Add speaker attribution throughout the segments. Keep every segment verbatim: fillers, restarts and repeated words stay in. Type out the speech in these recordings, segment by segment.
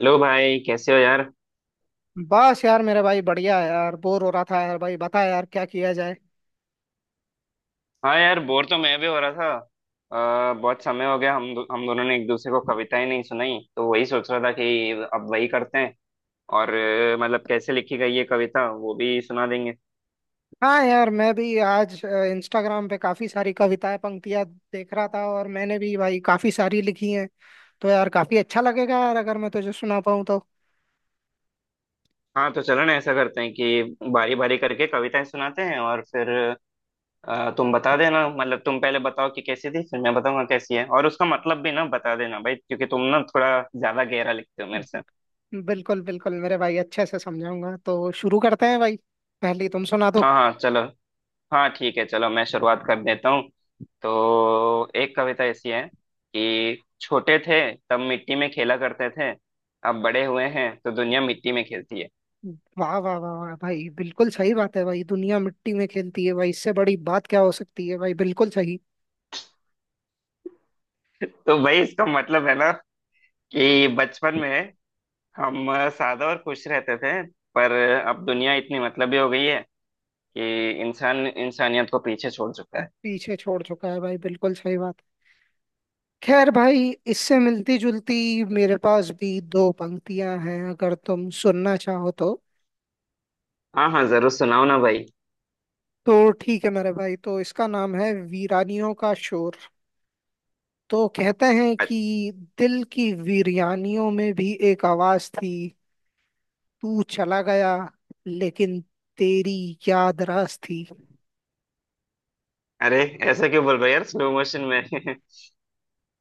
Speaker 1: Hello भाई, कैसे हो यार।
Speaker 2: बस यार मेरे भाई बढ़िया है यार। बोर हो रहा था यार। भाई बता यार, क्या किया जाए।
Speaker 1: हाँ यार, बोर तो मैं भी हो रहा था। आ, बहुत समय हो गया, हम दो, हम दोनों ने एक दूसरे को कविताएं नहीं सुनाई, तो वही सोच रहा था कि अब वही करते हैं। और अ, मतलब कैसे लिखी गई है कविता वो भी सुना देंगे।
Speaker 2: हाँ यार, मैं भी आज इंस्टाग्राम पे काफी सारी कविताएं, पंक्तियां देख रहा था और मैंने भी भाई काफी सारी लिखी हैं। तो यार काफी अच्छा लगेगा यार, अगर मैं तुझे सुना पाऊँ तो।
Speaker 1: हाँ तो चलो ना, ऐसा करते हैं कि बारी बारी करके कविताएं सुनाते हैं, और फिर अ, तुम बता देना। मतलब तुम पहले बताओ कि कैसी थी, फिर मैं बताऊंगा कैसी है। और उसका मतलब भी ना बता देना भाई, क्योंकि तुम ना थोड़ा ज्यादा गहरा लिखते हो मेरे से।
Speaker 2: बिल्कुल बिल्कुल मेरे भाई, अच्छे से समझाऊंगा। तो शुरू करते हैं भाई, पहले तुम सुना दो।
Speaker 1: हाँ हाँ चलो। हाँ ठीक है, चलो मैं शुरुआत कर देता हूँ। तो एक कविता ऐसी है कि छोटे थे तब मिट्टी में खेला करते थे, अब बड़े हुए हैं तो दुनिया मिट्टी में खेलती है।
Speaker 2: वाह वाह वाह वाह भाई, बिल्कुल सही बात है भाई। दुनिया मिट्टी में खेलती है भाई, इससे बड़ी बात क्या हो सकती है भाई। बिल्कुल सही।
Speaker 1: तो भाई इसका मतलब है ना कि बचपन में हम सादा और खुश रहते थे, पर अब दुनिया इतनी मतलबी हो गई है कि इंसान इंसानियत को पीछे छोड़ चुका है।
Speaker 2: पीछे छोड़ चुका है भाई, बिल्कुल सही बात। खैर भाई, इससे मिलती जुलती मेरे पास भी दो पंक्तियां हैं, अगर तुम सुनना चाहो तो।
Speaker 1: हाँ हाँ, जरूर सुनाओ ना भाई।
Speaker 2: तो ठीक है मेरे भाई, तो इसका नाम है वीरानियों का शोर। तो कहते हैं
Speaker 1: अ-
Speaker 2: कि दिल की वीरानियों में भी एक आवाज थी, तू चला गया लेकिन तेरी याद रास थी।
Speaker 1: अरे, ऐसा क्यों बोल रहे हो यार, स्लो मोशन में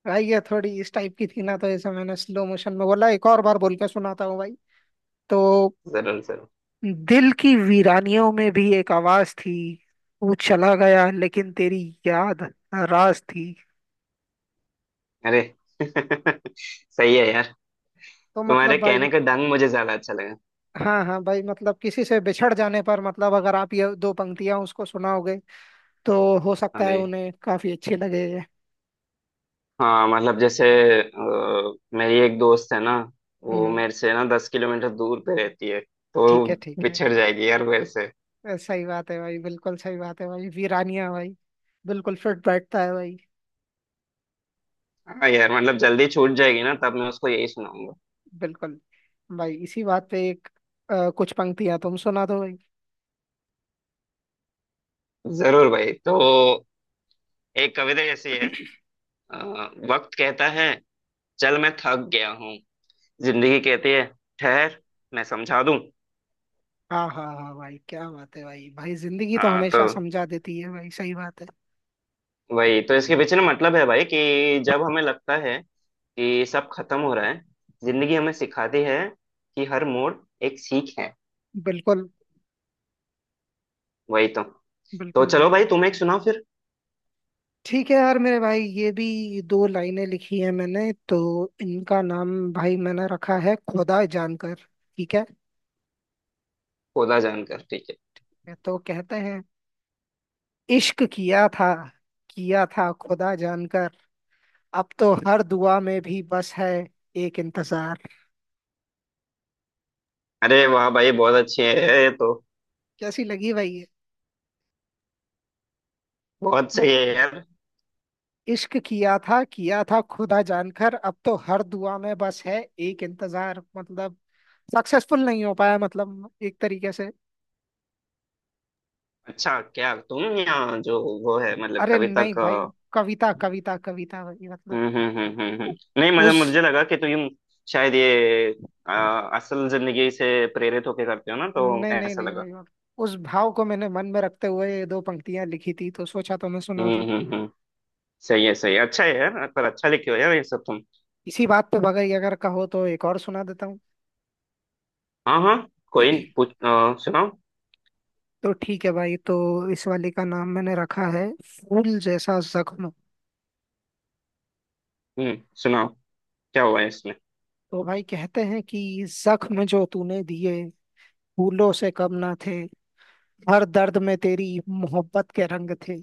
Speaker 2: भाई ये थोड़ी इस टाइप की थी ना, तो इसे मैंने स्लो मोशन में बोला। एक और बार बोल के सुनाता हूँ भाई। तो
Speaker 1: जरूर जरूर।
Speaker 2: दिल की वीरानियों में भी एक आवाज थी, तू चला गया लेकिन तेरी याद राज थी।
Speaker 1: अरे सही है यार।
Speaker 2: तो मतलब
Speaker 1: तुम्हारे
Speaker 2: भाई,
Speaker 1: कहने का ढंग मुझे ज्यादा अच्छा लगा।
Speaker 2: हाँ हाँ भाई, मतलब किसी से बिछड़ जाने पर, मतलब अगर आप ये दो पंक्तियां उसको सुनाओगे तो हो सकता है
Speaker 1: अरे
Speaker 2: उन्हें काफी अच्छी लगे ये।
Speaker 1: हाँ, मतलब जैसे अ, मेरी एक दोस्त है ना, वो
Speaker 2: हम्म,
Speaker 1: मेरे से ना दस किलोमीटर दूर पे रहती है। तो
Speaker 2: ठीक है ठीक है।
Speaker 1: बिछड़ जाएगी यार मेरे से।
Speaker 2: अ, सही बात है भाई, बिल्कुल सही बात है भाई। वीरानिया भाई बिल्कुल फिट बैठता है भाई।
Speaker 1: हाँ यार, मतलब जल्दी छूट जाएगी ना, तब मैं उसको यही सुनाऊंगा।
Speaker 2: बिल्कुल भाई। इसी बात पे एक अ, कुछ पंक्तियां तुम सुना दो भाई।
Speaker 1: जरूर भाई। तो एक कविता ऐसी है। अ, वक्त कहता है, चल मैं थक गया हूँ। जिंदगी कहती है, ठहर मैं समझा दूँ।
Speaker 2: हाँ हाँ हाँ भाई, क्या बात है भाई। भाई जिंदगी तो
Speaker 1: हाँ तो
Speaker 2: हमेशा समझा देती है भाई, सही बात है।
Speaker 1: वही तो इसके पीछे ना मतलब है भाई, कि जब हमें लगता है कि सब खत्म हो रहा है, जिंदगी हमें सिखाती है कि हर मोड़ एक सीख है।
Speaker 2: बिल्कुल
Speaker 1: वही तो। तो
Speaker 2: बिल्कुल भाई।
Speaker 1: चलो भाई, तुम एक सुनाओ फिर।
Speaker 2: ठीक है यार मेरे भाई, ये भी दो लाइनें लिखी है मैंने तो। इनका नाम भाई मैंने रखा है खुदा जानकर, ठीक है।
Speaker 1: खोदा जानकर, ठीक है।
Speaker 2: तो कहते हैं, इश्क किया था, किया था खुदा जानकर। अब तो हर दुआ में भी बस है एक इंतजार।
Speaker 1: अरे वाह भाई, बहुत अच्छे है ये तो।
Speaker 2: कैसी लगी भाई ये।
Speaker 1: बहुत सही है यार।
Speaker 2: इश्क किया था, किया था खुदा जानकर, अब तो हर दुआ में बस है एक इंतजार। मतलब सक्सेसफुल नहीं हो पाया, मतलब एक तरीके से।
Speaker 1: अच्छा, क्या तुम या जो वो है मतलब
Speaker 2: अरे
Speaker 1: कविता
Speaker 2: नहीं
Speaker 1: का।
Speaker 2: भाई, कविता कविता कविता भाई, मतलब
Speaker 1: हम्म हम्म हम्म हम्म
Speaker 2: उ-
Speaker 1: हम्म। नहीं मतलब
Speaker 2: उस
Speaker 1: मुझे लगा कि तुम शायद ये आ, असल जिंदगी से प्रेरित होके करते हो ना, तो
Speaker 2: नहीं नहीं
Speaker 1: ऐसा
Speaker 2: नहीं
Speaker 1: लगा।
Speaker 2: भाई, मतलब उस भाव को मैंने मन में रखते हुए ये दो पंक्तियां लिखी थी, तो सोचा तो मैं सुना
Speaker 1: हम्म
Speaker 2: दूं।
Speaker 1: हम्म हम्म। सही है सही है, अच्छा है यार, पर अच्छा लिखे हो यार ये सब तुम।
Speaker 2: इसी बात पे बगैर अगर कहो तो एक और सुना देता हूँ।
Speaker 1: हाँ हाँ। कोई नहीं, पूछ अ, सुनाओ।
Speaker 2: तो ठीक है भाई, तो इस वाले का नाम मैंने रखा है फूल जैसा जख्म।
Speaker 1: हम्म। सुनाओ, क्या हुआ है इसमें।
Speaker 2: तो भाई कहते हैं कि जख्म जो तूने दिए फूलों से कम ना थे, हर दर्द में तेरी मोहब्बत के रंग थे।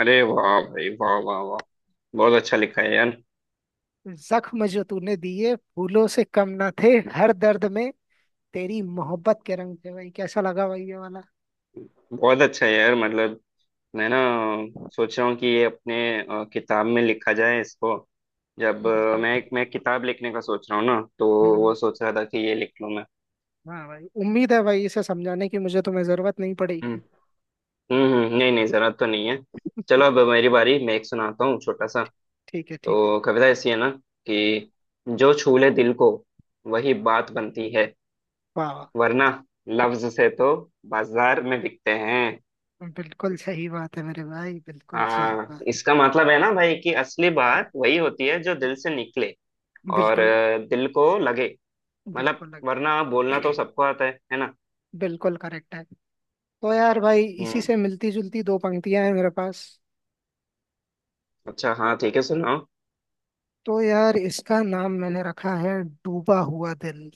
Speaker 1: अरे वाह भाई, वाह वाह वाह। बहुत अच्छा लिखा है यार।
Speaker 2: जख्म जो तूने दिए फूलों से कम ना थे, हर दर्द में तेरी मोहब्बत के रंग थे। भाई कैसा लगा भाई ये वाला।
Speaker 1: बहुत अच्छा है यार, मतलब मैं ना सोच रहा हूँ कि ये अपने अ, किताब में लिखा जाए इसको। जब अ,
Speaker 2: बिल्कुल।
Speaker 1: मैं मैं किताब लिखने का सोच रहा हूँ ना, तो वो
Speaker 2: हम्म।
Speaker 1: सोच रहा था कि ये लिख लूँ मैं।
Speaker 2: हाँ भाई, उम्मीद है भाई इसे समझाने की मुझे तुम्हें जरूरत नहीं
Speaker 1: हम्म
Speaker 2: पड़ेगी।
Speaker 1: हम्म हम्म, नहीं नहीं, जरूरत तो नहीं है। चलो अब मेरी बारी, मैं एक सुनाता हूँ छोटा सा।
Speaker 2: ठीक है ठीक है।
Speaker 1: तो कविता ऐसी है ना, कि जो छू ले दिल को वही बात बनती है,
Speaker 2: वाह वाह,
Speaker 1: वरना लफ्ज से तो बाजार में बिकते हैं।
Speaker 2: बिल्कुल सही बात है मेरे भाई, बिल्कुल सही
Speaker 1: हाँ,
Speaker 2: बात।
Speaker 1: इसका मतलब है ना भाई, कि असली बात वही होती है जो दिल से निकले और
Speaker 2: बिल्कुल
Speaker 1: अ, दिल को लगे। मतलब
Speaker 2: बिल्कुल,
Speaker 1: वरना बोलना तो सबको आता है है ना।
Speaker 2: बिल्कुल करेक्ट है। तो यार भाई, इसी
Speaker 1: हम्म।
Speaker 2: से मिलती जुलती दो पंक्तियां हैं मेरे पास।
Speaker 1: अच्छा हाँ ठीक है, सुनाओ।
Speaker 2: तो यार इसका नाम मैंने रखा है डूबा हुआ दिल।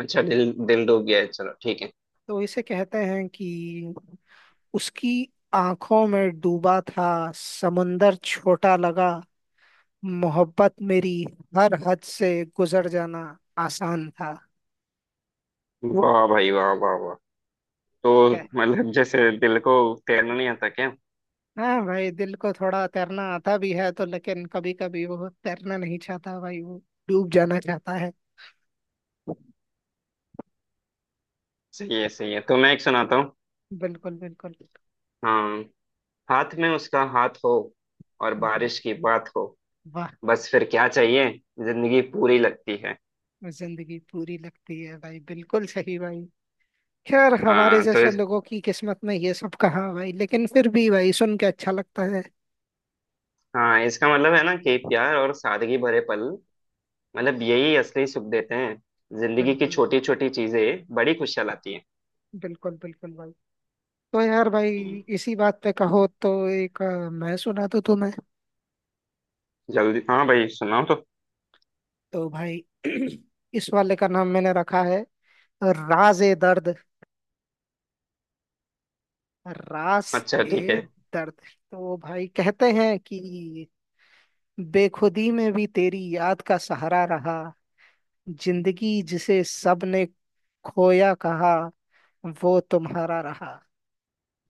Speaker 1: अच्छा, दिल दिल डूब गया है, चलो ठीक है।
Speaker 2: तो इसे कहते हैं कि उसकी आंखों में डूबा था, समंदर छोटा लगा। मोहब्बत मेरी हर हद से गुजर जाना आसान था।
Speaker 1: वाह भाई, वाह वाह वाह। तो
Speaker 2: क्या।
Speaker 1: मतलब जैसे दिल को तैरना नहीं आता क्या।
Speaker 2: हाँ भाई, दिल को थोड़ा तैरना आता भी है तो लेकिन कभी कभी वो तैरना नहीं चाहता भाई, वो डूब जाना चाहता है।
Speaker 1: सही है सही है, तो मैं एक सुनाता हूँ।
Speaker 2: बिल्कुल बिल्कुल।
Speaker 1: हाँ, हाथ में उसका हाथ हो और
Speaker 2: हम्म,
Speaker 1: बारिश की बात हो,
Speaker 2: वाह।
Speaker 1: बस फिर क्या चाहिए, जिंदगी पूरी लगती है।
Speaker 2: जिंदगी पूरी लगती है भाई, बिल्कुल सही भाई। खैर हमारे
Speaker 1: आ, तो
Speaker 2: जैसे
Speaker 1: इस,
Speaker 2: लोगों की किस्मत में ये सब कहाँ भाई, लेकिन फिर भी भाई सुन के अच्छा लगता है।
Speaker 1: हाँ इसका मतलब है ना कि प्यार और सादगी भरे पल, मतलब यही असली सुख देते हैं। जिंदगी की
Speaker 2: बिल्कुल,
Speaker 1: छोटी छोटी चीजें बड़ी खुशियाँ लाती हैं।
Speaker 2: बिल्कुल बिल्कुल भाई। तो यार भाई,
Speaker 1: हम्म,
Speaker 2: इसी बात पे कहो तो एक अ, मैं सुना तो तुम्हें।
Speaker 1: जल्दी हाँ भाई, सुनाओ तो।
Speaker 2: तो भाई इस वाले का नाम मैंने रखा है राज ए दर्द, रास
Speaker 1: अच्छा ठीक है।
Speaker 2: ए दर्द। तो भाई कहते हैं कि बेखुदी में भी तेरी याद का सहारा रहा। जिंदगी जिसे सबने खोया कहा, वो तुम्हारा रहा।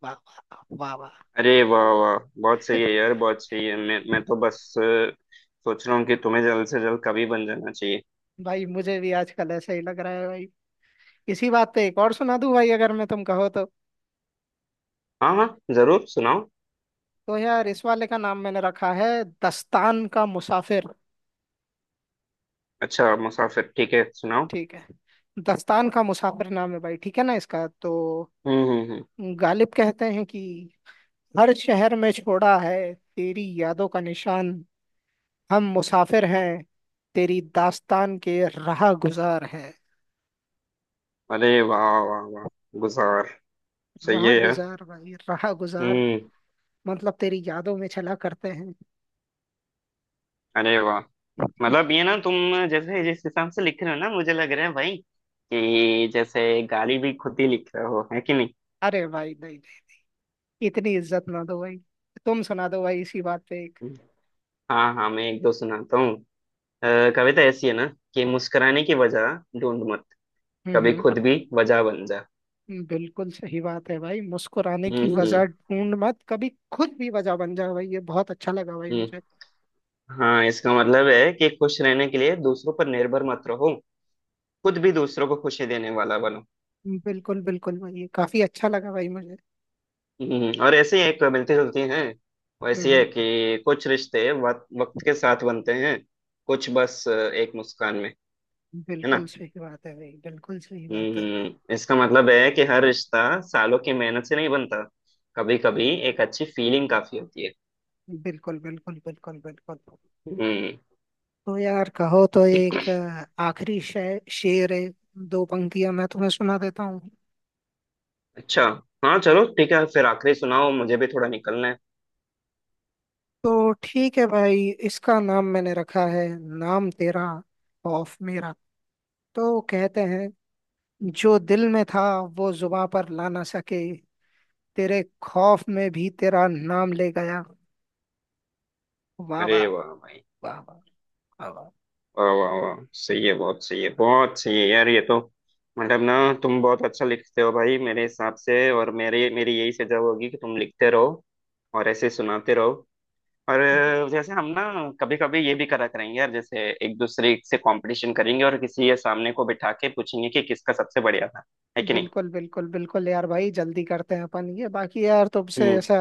Speaker 2: वाह वाह वाह वाह।
Speaker 1: अरे वाह वाह, बहुत सही है यार, बहुत सही है। मैं मैं तो बस अ, सोच रहा हूँ कि तुम्हें जल्द से जल्द कवि बन जाना चाहिए।
Speaker 2: भाई मुझे भी आजकल ऐसा ही लग रहा है भाई। इसी बात पे एक और सुना दूं भाई अगर मैं तुम कहो तो।
Speaker 1: हाँ हाँ, जरूर सुनाओ।
Speaker 2: तो यार इस वाले का नाम मैंने रखा है दस्तान का मुसाफिर।
Speaker 1: अच्छा मुसाफिर, ठीक है सुनाओ।
Speaker 2: ठीक है। दस्तान का मुसाफिर नाम है भाई, ठीक है ना इसका तो।
Speaker 1: हम्म हम्म हम्म।
Speaker 2: गालिब कहते हैं कि हर शहर में छोड़ा है तेरी यादों का निशान। हम मुसाफिर हैं, तेरी दास्तान के राह गुजार है।
Speaker 1: अरे वाह वाह वाह, गुजार, सही है
Speaker 2: राह
Speaker 1: यार।
Speaker 2: गुजार भाई, राह गुजार,
Speaker 1: हम्म।
Speaker 2: मतलब तेरी यादों में चला करते हैं।
Speaker 1: अरे वाह, मतलब ये ना तुम जैसे जिस हिसाब से लिख रहे हो ना, मुझे लग रहा है भाई कि जैसे गाली भी खुद ही लिख रहे हो, है कि नहीं।
Speaker 2: अरे भाई नहीं नहीं, इतनी इज्जत ना दो भाई। तुम सुना दो भाई इसी बात पे एक।
Speaker 1: हम्म। हाँ हाँ, मैं एक दो सुनाता हूँ। अ, कविता ऐसी है ना कि मुस्कुराने की वजह ढूंढ मत, कभी
Speaker 2: हम्म
Speaker 1: खुद भी वजह बन जा।
Speaker 2: हम्म, बिल्कुल सही बात है भाई। मुस्कुराने
Speaker 1: हम्म
Speaker 2: की वजह
Speaker 1: हम्म
Speaker 2: ढूंढ मत, कभी खुद भी वजह बन जाओ भाई, ये बहुत अच्छा लगा भाई
Speaker 1: हम्म।
Speaker 2: मुझे।
Speaker 1: हाँ, इसका मतलब है कि खुश रहने के लिए दूसरों पर निर्भर मत रहो, खुद भी दूसरों को खुशी देने वाला बनो।
Speaker 2: हम्म, बिल्कुल बिल्कुल भाई, ये काफी अच्छा लगा भाई मुझे।
Speaker 1: हम्म, और ऐसे ही एक मिलती जुलती हैं,
Speaker 2: हम्म
Speaker 1: वैसी है
Speaker 2: हम्म,
Speaker 1: कि कुछ रिश्ते वक्त वक्त के साथ बनते हैं, कुछ बस एक मुस्कान में। है ना।
Speaker 2: बिल्कुल सही बात है भाई, बिल्कुल सही बात है।
Speaker 1: हम्म, इसका मतलब है कि हर रिश्ता सालों की मेहनत से नहीं बनता, कभी कभी एक अच्छी फीलिंग काफी होती है।
Speaker 2: बिल्कुल बिल्कुल बिल्कुल बिल्कुल।
Speaker 1: हम्म।
Speaker 2: तो यार कहो तो एक अ, आखिरी शे, शेर है, दो पंक्तियां मैं तुम्हें सुना देता हूँ।
Speaker 1: अच्छा हाँ चलो ठीक है, फिर आखिरी सुनाओ, मुझे भी थोड़ा निकलना है।
Speaker 2: तो ठीक है भाई, इसका नाम मैंने रखा है नाम तेरा खौफ मेरा। तो कहते हैं, जो दिल में था वो जुबां पर ला ना सके, तेरे खौफ में भी तेरा नाम ले गया। वाह
Speaker 1: अरे
Speaker 2: वाह,
Speaker 1: वाह भाई,
Speaker 2: वाह वाह, वाह वाह।
Speaker 1: वाह वाह वाह, सही है, बहुत सही है, बहुत सही है यार ये तो। मतलब ना, तुम बहुत अच्छा लिखते हो भाई मेरे हिसाब से, और मेरे मेरी यही सजा होगी कि तुम लिखते रहो और ऐसे सुनाते रहो। और
Speaker 2: बिल-
Speaker 1: अ, जैसे हम ना कभी कभी ये भी करा करेंगे यार, जैसे एक दूसरे से कंपटीशन करेंगे और किसी के सामने को बिठा के पूछेंगे कि किसका सबसे बढ़िया था, है कि नहीं।
Speaker 2: बिल्कुल बिल्कुल बिल्कुल यार भाई, जल्दी करते हैं अपन ये बाकी। यार तुमसे
Speaker 1: हम्म
Speaker 2: ऐसा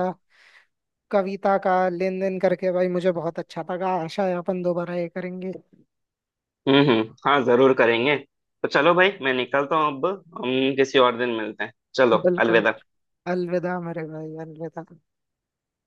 Speaker 2: कविता का लेन देन करके भाई मुझे बहुत अच्छा लगा, आशा है अपन दोबारा ये करेंगे।
Speaker 1: हम्म हम्म। हाँ जरूर करेंगे। तो चलो भाई, मैं निकलता हूँ अब। हम किसी और दिन मिलते हैं, चलो
Speaker 2: बिल्कुल।
Speaker 1: अलविदा।
Speaker 2: अलविदा मेरे भाई, अलविदा।